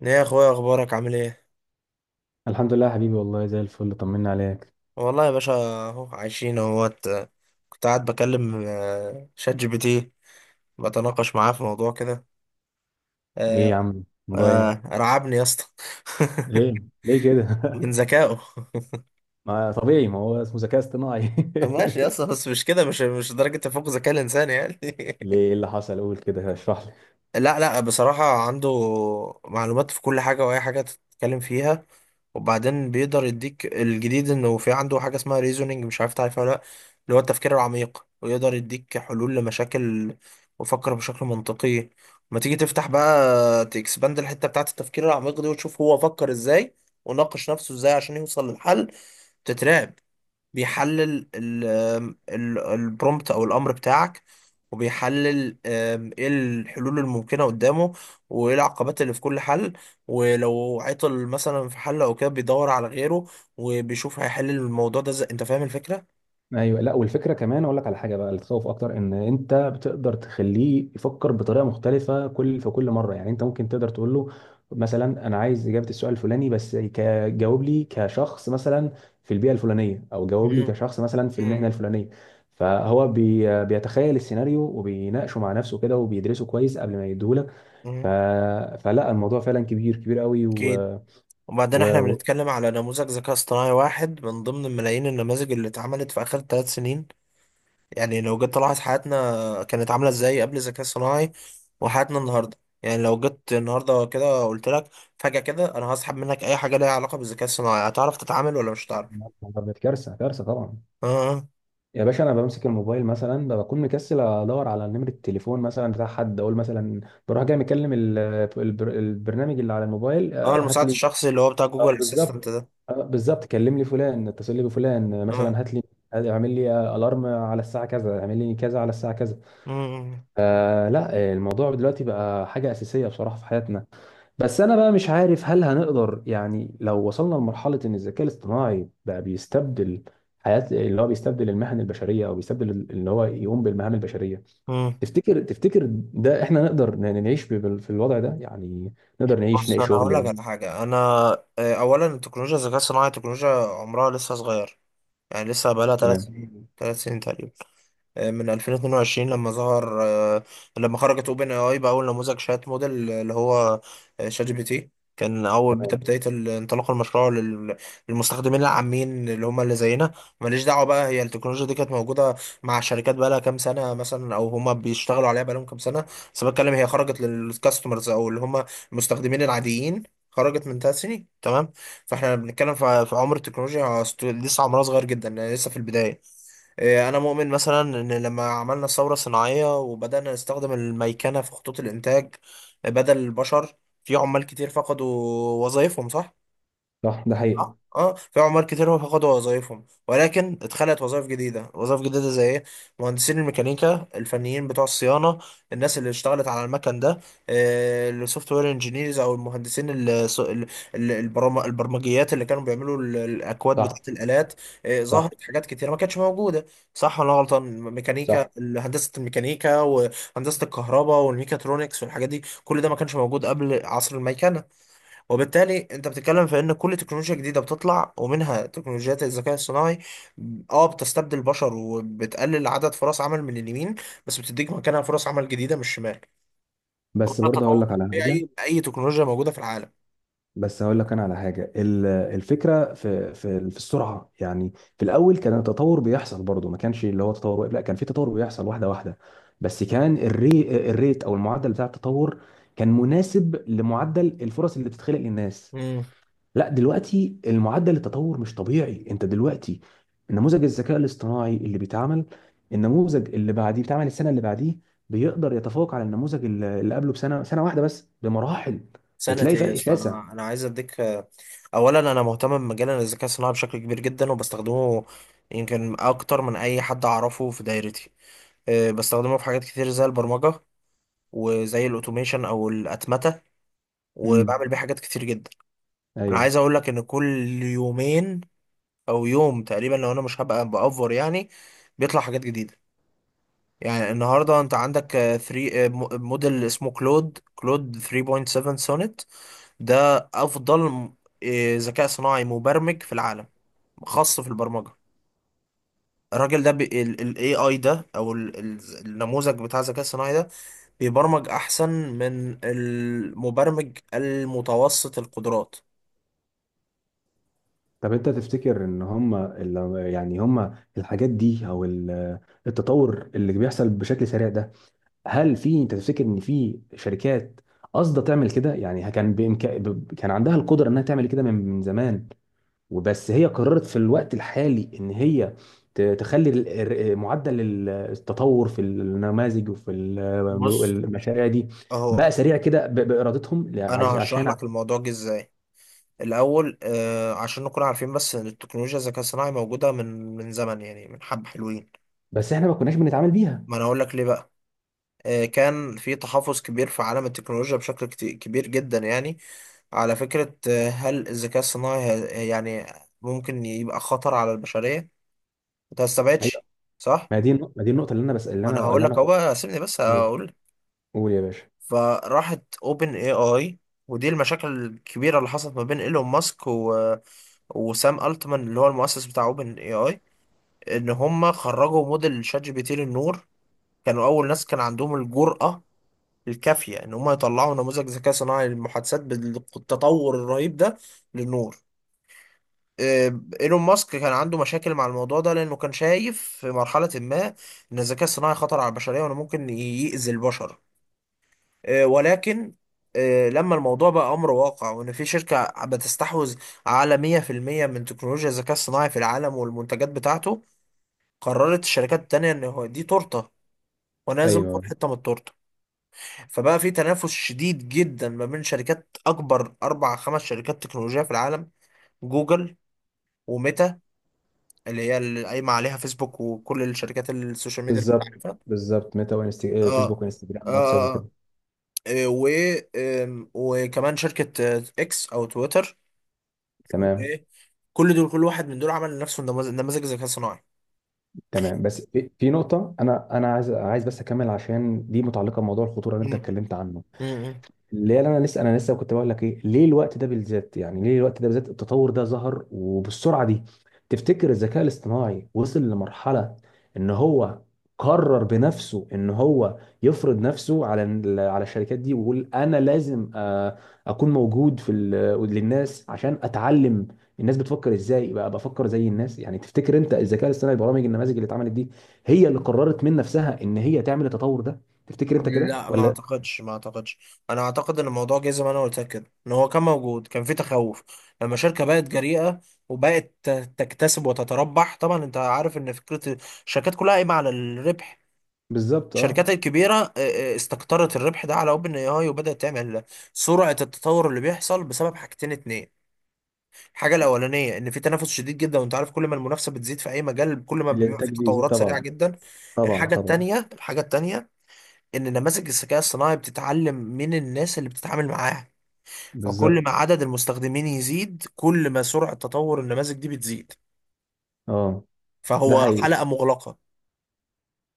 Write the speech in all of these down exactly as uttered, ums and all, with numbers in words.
ليه يا اخويا، اخبارك عامل ايه؟ الحمد لله يا حبيبي، والله زي الفل، طمنا عليك. والله يا باشا، اهو عايشين اهوت. كنت قاعد بكلم آه، شات جي بي تي، بتناقش معاه في موضوع كده ايه يا آه، عم، الموضوع ايه؟ آه، رعبني يا اسطى. ليه؟ ليه كده؟ من ذكائه. ما طبيعي، ما هو اسمه ذكاء اصطناعي. ماشي يا اسطى، بس مش كده، مش مش درجة تفوق ذكاء الانسان يعني. ليه؟ إيه اللي حصل؟ قول كده، اشرح لي. لا، لا، بصراحة عنده معلومات في كل حاجة، وأي حاجة تتكلم فيها. وبعدين بيقدر يديك الجديد، إنه في عنده حاجة اسمها ريزونينج، مش عارف تعرفها ولا لأ، اللي هو التفكير العميق، ويقدر يديك حلول لمشاكل، وفكر بشكل منطقي. ما تيجي تفتح بقى، تكسباند الحتة بتاعة التفكير العميق دي، وتشوف هو فكر إزاي وناقش نفسه إزاي عشان يوصل للحل، تترعب. بيحلل ال- ال- البرومبت او الامر بتاعك، وبيحلل آم، ايه الحلول الممكنه قدامه، وايه العقبات اللي في كل حل. ولو عطل مثلا في حل او كده، بيدور على غيره، وبيشوف هيحل الموضوع ده ازاي. انت فاهم الفكره؟ ايوه. لا، والفكره كمان اقول لك على حاجه بقى، اللي تخوف اكتر ان انت بتقدر تخليه يفكر بطريقه مختلفه كل في كل مره. يعني انت ممكن تقدر تقول له مثلا، انا عايز اجابه السؤال الفلاني، بس ك- جاوب لي كشخص مثلا في البيئه الفلانيه، او جاوب لي مم. كشخص مثلا في المهنه مم. الفلانيه. فهو بي... بيتخيل السيناريو وبيناقشه مع نفسه كده، وبيدرسه كويس قبل ما يديهولك. ف... مم. فلا، الموضوع فعلا كبير، كبير قوي، و, اكيد. وبعدين احنا و... بنتكلم على نموذج ذكاء اصطناعي واحد من ضمن ملايين النماذج اللي اتعملت في اخر ثلاث سنين. يعني لو جيت تلاحظ حياتنا كانت عاملة ازاي قبل الذكاء الصناعي، وحياتنا النهاردة. يعني لو جيت النهاردة كده قلت لك فجأة كده، انا هسحب منك اي حاجة ليها علاقة بالذكاء الصناعي، هتعرف تتعامل ولا مش هتعرف؟ و... كارثه، كارثه طبعا. اه، اه. يا باشا، انا بمسك الموبايل مثلا بكون مكسل ادور على نمره التليفون مثلا بتاع حد، اقول مثلا بروح جاي مكلم ال- البر- البرنامج اللي على الموبايل، آه، آه، هات المساعد لي. الشخصي اللي هو بتاع اه جوجل بالظبط. اسيستنت ده. آه، بالظبط، كلم لي فلان، اتصل لي بفلان، آه، اه. مثلا هات لي، اعمل لي الارم على الساعه كذا، اعمل لي كذا على الساعه كذا. مم. آه لا، آه، الموضوع دلوقتي بقى حاجه اساسيه بصراحه في حياتنا. بس انا بقى مش عارف هل هنقدر، يعني لو وصلنا لمرحله ان الذكاء الاصطناعي بقى بيستبدل حياه، اللي هو بيستبدل المهن البشريه او بيستبدل اللي هو يقوم بالمهام البشريه. مم. تفتكر تفتكر ده احنا نقدر ن- نعيش ب- بال- في الوضع ده يعني، نقدر نعيش بص، نلاقي انا هقول لك شغل؟ على حاجة. انا آه، اولا، التكنولوجيا الذكاء الصناعي تكنولوجيا عمرها لسه صغير. يعني لسه بقالها ثلاث تمام. سنين ثلاث سنين تقريبا، آه، من ألفين واتنين وعشرين، لما ظهر، آه، لما خرجت اوبن اي اي باول نموذج شات موديل، اللي هو آه، شات جي بي تي. كان اول بت- تمام. بدايه ال- انطلاق المشروع لل- للمستخدمين العامين، اللي هم اللي زينا. ماليش دعوه بقى، هي التكنولوجيا دي كانت موجوده مع الشركات بقى لها كام سنه مثلا، او هم بيشتغلوا عليها بقى لهم كام سنه. بس بتكلم هي خرجت للكاستمرز، او اللي هم المستخدمين العاديين. خرجت من ثلاث سنين، تمام. فاحنا بنتكلم في في عمر التكنولوجيا، ست- لسه عمرها صغير جدا، يعني لسه في البدايه. إيه، انا مؤمن مثلا ان لما عملنا الثوره الصناعيه، وبدانا نستخدم الميكنه في خطوط الانتاج بدل البشر، في عمال كتير فقدوا وظائفهم، صح. صح، ده حقيقي. اه، اه، في عمال كتير هو فقدوا وظائفهم، ولكن اتخلقت وظائف جديده. وظائف جديده زي ايه؟ مهندسين الميكانيكا، الفنيين بتوع الصيانه، الناس اللي اشتغلت على المكن ده، السوفت وير انجينيرز او المهندسين ال- س- ال- ال- البرام- البرمجيات اللي كانوا بيعملوا ال- الاكواد صح. بتاعه الالات. آه، صح. ظهرت حاجات كتيره ما كانتش موجوده، صح ولا أنا غلطان؟ ميكانيكا، صح. هندسه الميكانيكا، وهندسه الكهرباء، والميكاترونكس، والحاجات دي، كل ده ما كانش موجود قبل عصر الميكنه. وبالتالي انت بتتكلم في ان كل تكنولوجيا جديده بتطلع، ومنها تكنولوجيات الذكاء الصناعي، اه بتستبدل البشر، وبتقلل عدد فرص عمل من اليمين، بس بتديك مكانها فرص عمل جديده من الشمال. وده بس برضه هقول التطور لك على حاجه، الطبيعي لاي تكنولوجيا موجوده في العالم. بس هقول لك انا على حاجه، ال- الفكره في في في السرعه يعني. في الاول كان التطور بيحصل برضه، ما كانش اللي هو تطور واقف، لا كان في تطور بيحصل واحده واحده. بس كان الري الريت او المعدل بتاع التطور كان مناسب لمعدل الفرص اللي بتتخلق للناس. امم. لا دلوقتي المعدل التطور مش طبيعي. انت دلوقتي نموذج الذكاء الاصطناعي اللي بيتعمل، النموذج اللي بعديه بيتعمل السنه اللي بعديه، بيقدر يتفوق على النموذج اللي اللي قبله بسنه، سنه واحده بس بمراحل، سنة بتلاقي ايه يا فرق اسطى؟ شاسع. انا انا عايز اديك. اولا، انا مهتم بمجال الذكاء الصناعي بشكل كبير جدا، وبستخدمه يمكن اكتر من اي حد اعرفه في دايرتي. اه، بستخدمه في حاجات كتير زي البرمجة، وزي الاوتوميشن او الاتمتة، امم وبعمل بيه حاجات كتير جدا. انا عايز ايوه. اقول لك ان كل يومين او يوم تقريبا، لو انا مش هبقى بأفور يعني، بيطلع حاجات جديدة. يعني النهارده انت عندك تلاته، موديل اسمه كلود، كلود تلاته نقطه سبعه سونيت. ده افضل م- آه، ذكاء صناعي مبرمج في العالم، خاص في البرمجة. الراجل ده، بي ال ال ايه اي ده، او ال ال النموذج بتاع الذكاء الصناعي ده، بيبرمج احسن من المبرمج المتوسط القدرات. طب انت تفتكر ان هم اللي، يعني هم الحاجات دي، او ال- التطور اللي بيحصل بشكل سريع ده، هل في، انت تفتكر ان في شركات قاصده تعمل كده، يعني كان بإمك... ب- كان عندها القدره انها تعمل كده من من زمان، وبس هي قررت في الوقت الحالي ان هي ت- تخلي ال- ال- معدل ال- التطور في النماذج وفي ال- بص المشاريع دي بقى اهو، سريع كده ب- بارادتهم، انا عايز- هشرح عشان. لك الموضوع جه ازاي. الاول، آه عشان نكون عارفين بس ان التكنولوجيا الذكاء الصناعي موجوده من من زمن، يعني من حبه حلوين. بس احنا ما كناش بنتعامل بيها. ما انا اقول لك ليه بقى. آه كان في تحفظ كبير في عالم التكنولوجيا بشكل كت- كبير جدا يعني، على فكره، آه هل الذكاء الصناعي هي- يعني ممكن يبقى خطر على البشريه؟ انت ما استبعدش، صح. ما دي النق- ما دي النقطة اللي أنا، بس اللي ما انا أنا هقول اللي لك أنا اهو بقى، سيبني بس قول، اقول. قول يا باشا. فراحت اوبن اي اي، ودي المشاكل الكبيره اللي حصلت ما بين ايلون ماسك و... وسام التمان، اللي هو المؤسس بتاع اوبن اي اي، ان هم خرجوا موديل شات جي بي تي للنور. كانوا اول ناس كان عندهم الجرأة الكافية ان هم يطلعوا نموذج ذكاء صناعي للمحادثات بالتطور الرهيب ده للنور. آه، ايلون ماسك كان عنده مشاكل مع الموضوع ده، لانه كان شايف في مرحلة ما ان الذكاء الصناعي خطر على البشرية، وانه ممكن يأذي البشر. آه، ولكن آه، لما الموضوع بقى أمر واقع، وإن في شركة بتستحوذ على مية في المية من تكنولوجيا الذكاء الصناعي في العالم والمنتجات بتاعته، قررت الشركات التانية إن هو دي تورتة، وأنا لازم آخد أيوه. حتة من التورتة. فبقى في تنافس شديد جدا ما بين شركات أكبر، أربع خمس شركات تكنولوجية في العالم: جوجل، وميتا اللي هي اللي قايمة عليها فيسبوك وكل الشركات السوشيال ميديا اللي أنت بالظبط. عارفها. بالظبط، ميتا، وإنست... آه، آه، آه. فيسبوك آه، وانستجرام واتساب وكده. آه. آه، و آم، وكمان شركة آه، إكس أو تويتر. هو تمام. ايه؟ كل دول، كل واحد من دول عمل لنفسه نماذج، نماذج ذكاء صناعي. تمام. بس في في نقطة، أنا أنا عايز عايز بس أكمل عشان دي متعلقة بموضوع الخطورة اللي أنت مم. اتكلمت عنه. مم. اللي انا لسه انا لسه كنت بقول لك ايه، ليه الوقت ده بالذات، يعني ليه الوقت ده بالذات التطور ده ظهر وبالسرعه دي؟ تفتكر الذكاء الاصطناعي وصل لمرحله ان هو قرر بنفسه ان هو يفرض نفسه على ال- على الشركات دي، ويقول انا لازم آه، اكون موجود في ال- للناس عشان اتعلم الناس بتفكر ازاي بقى بفكر زي الناس يعني. تفتكر انت الذكاء الاصطناعي، البرامج النماذج اللي اتعملت دي، هي اللي قررت من نفسها ان هي تعمل التطور ده، تفتكر انت كده لا، ما ولا؟ اعتقدش، ما اعتقدش. انا اعتقد ان الموضوع جه زي ما انا قلت لك كده، ان هو كان موجود، كان في تخوف. لما شركه بقت جريئه، وبقت ت- تكتسب وتتربح، طبعا انت عارف ان فكره الشركات كلها قايمه على الربح. بالظبط، اه. الشركات الكبيره آه، آه، استقطرت الربح ده على اوبن اي اي، وبدات تعمل. سرعه التطور اللي بيحصل بسبب حاجتين اتنين: الحاجه الاولانيه، ان في تنافس شديد جدا، وانت عارف كل ما المنافسه بتزيد في اي مجال كل ما بيبقى الانتاج في بيزيد تطورات سريعه طبعا، جدا. طبعا الحاجه طبعا. التانيه الحاجه التانيه ان نماذج الذكاء الصناعي بتتعلم من الناس اللي بتتعامل معاها، فكل ما بالظبط، عدد المستخدمين يزيد، كل ما سرعه تطور النماذج دي بتزيد، اه. ده فهو حقيقي. حلقه مغلقه.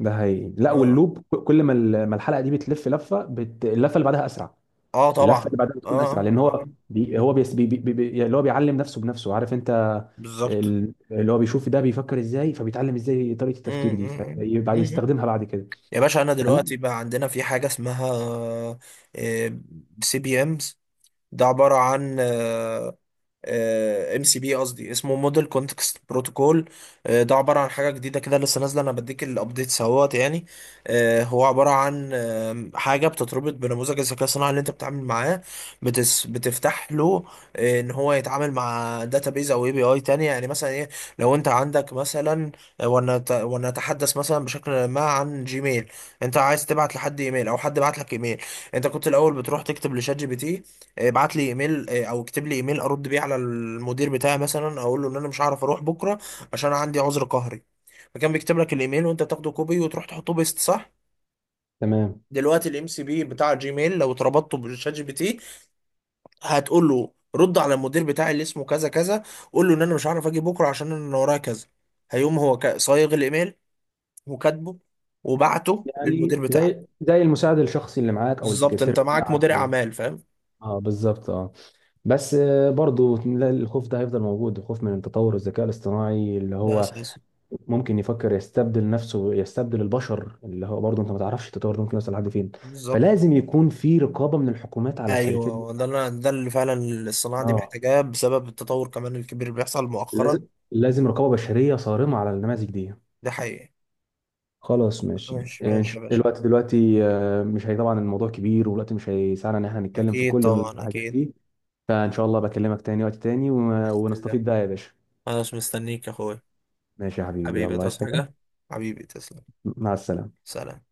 ده حقيقي. لا اه، واللوب، ك- كل ما ال- ما الحلقه دي بتلف لفه، بت... اللفه اللي بعدها اسرع. اه اللفه اللي طبعا. بعدها بتكون اسرع اه، لان اه هو بي... هو بيس... بي... بي... بي... بي- يعني اللي هو بيعلم نفسه بنفسه، عارف انت. بالظبط. ال- اللي هو بيشوف ده بيفكر ازاي، فبيتعلم ازاي طريقه مم، التفكير دي، مم، فبعد مم، مم. يستخدمها بعد كده. يا باشا، انا فلا دلوقتي بقى عندنا في حاجه اسمها سي بي امز، ده عباره عن آه، ام سي بي، قصدي اسمه موديل كونتكست بروتوكول. ده عباره عن حاجه جديده كده لسه نازله، انا بديك الابديتس اهوت يعني. آه، هو عباره عن آم، حاجه بتتربط بنموذج الذكاء الصناعي اللي انت بتتعامل معاه، بتس بتفتح له آه، ان هو يتعامل مع داتابيز او اي بي اي تانية. يعني مثلا ايه، لو انت عندك مثلا آه، ونت- ونتحدث مثلا بشكل ما عن جيميل، انت عايز تبعت لحد ايميل او حد بعت لك ايميل. انت كنت الاول بتروح تكتب لشات جي بي تي: ابعت لي ايميل، آه، او اكتب لي ايميل ارد بيه على المدير بتاعي، مثلا اقول له ان انا مش هعرف اروح بكره عشان أنا عندي عذر قهري. فكان بيكتب لك الايميل، وانت تاخده كوبي وتروح تحطه بيست، صح. تمام. دلوقتي الام سي بي بتاع جيميل لو اتربطته بالشات جي بي تي، هتقول له: رد على المدير بتاعي اللي اسمه كذا كذا، قول له ان انا مش هعرف اجي بكره عشان انا ورايا كذا. هيقوم هو كا- صايغ الايميل، وكاتبه، وبعته يعني للمدير بتاعك. زي زي المساعد الشخصي اللي معاك، او بالظبط، السكرتير انت معاك بتاعك. مدير اعمال، فاهم. اه بالظبط اه. بس آه، برضو لا، الخوف ده هيفضل موجود، الخوف من تطور الذكاء الاصطناعي اللي ده هو اساسي. ممكن يفكر يستبدل نفسه، يستبدل البشر، اللي هو برضو انت ما تعرفش التطور ده ممكن يوصل لحد فين. بالظبط، فلازم يكون في رقابة من الحكومات على الشركات دي. ايوه، ده اللي- ده اللي فعلا الصناعه دي اه. محتاجاه، بسبب التطور كمان الكبير اللي بيحصل مؤخرا. لازم، لازم رقابة بشرية صارمة على النماذج دي. ده حقيقي. خلاص ماشي. ماشي، آه، إن ماشي يا شاء- باشا. الوقت دلوقتي، آه، مش، هي طبعا الموضوع كبير والوقت مش هيسعنا ان احنا نتكلم في اكيد كل طبعا، الحاجات اكيد. دي. فان شاء الله بكلمك تاني وقت تاني، و- باذن الله. ونستفيد بقى يا باشا. انا مش مستنيك يا اخويا. ماشي يا حبيبي، حبيبي، يلا، عايز تصحى حاجة؟ حاجه. حبيبي تسلم. مع السلامة. سلام.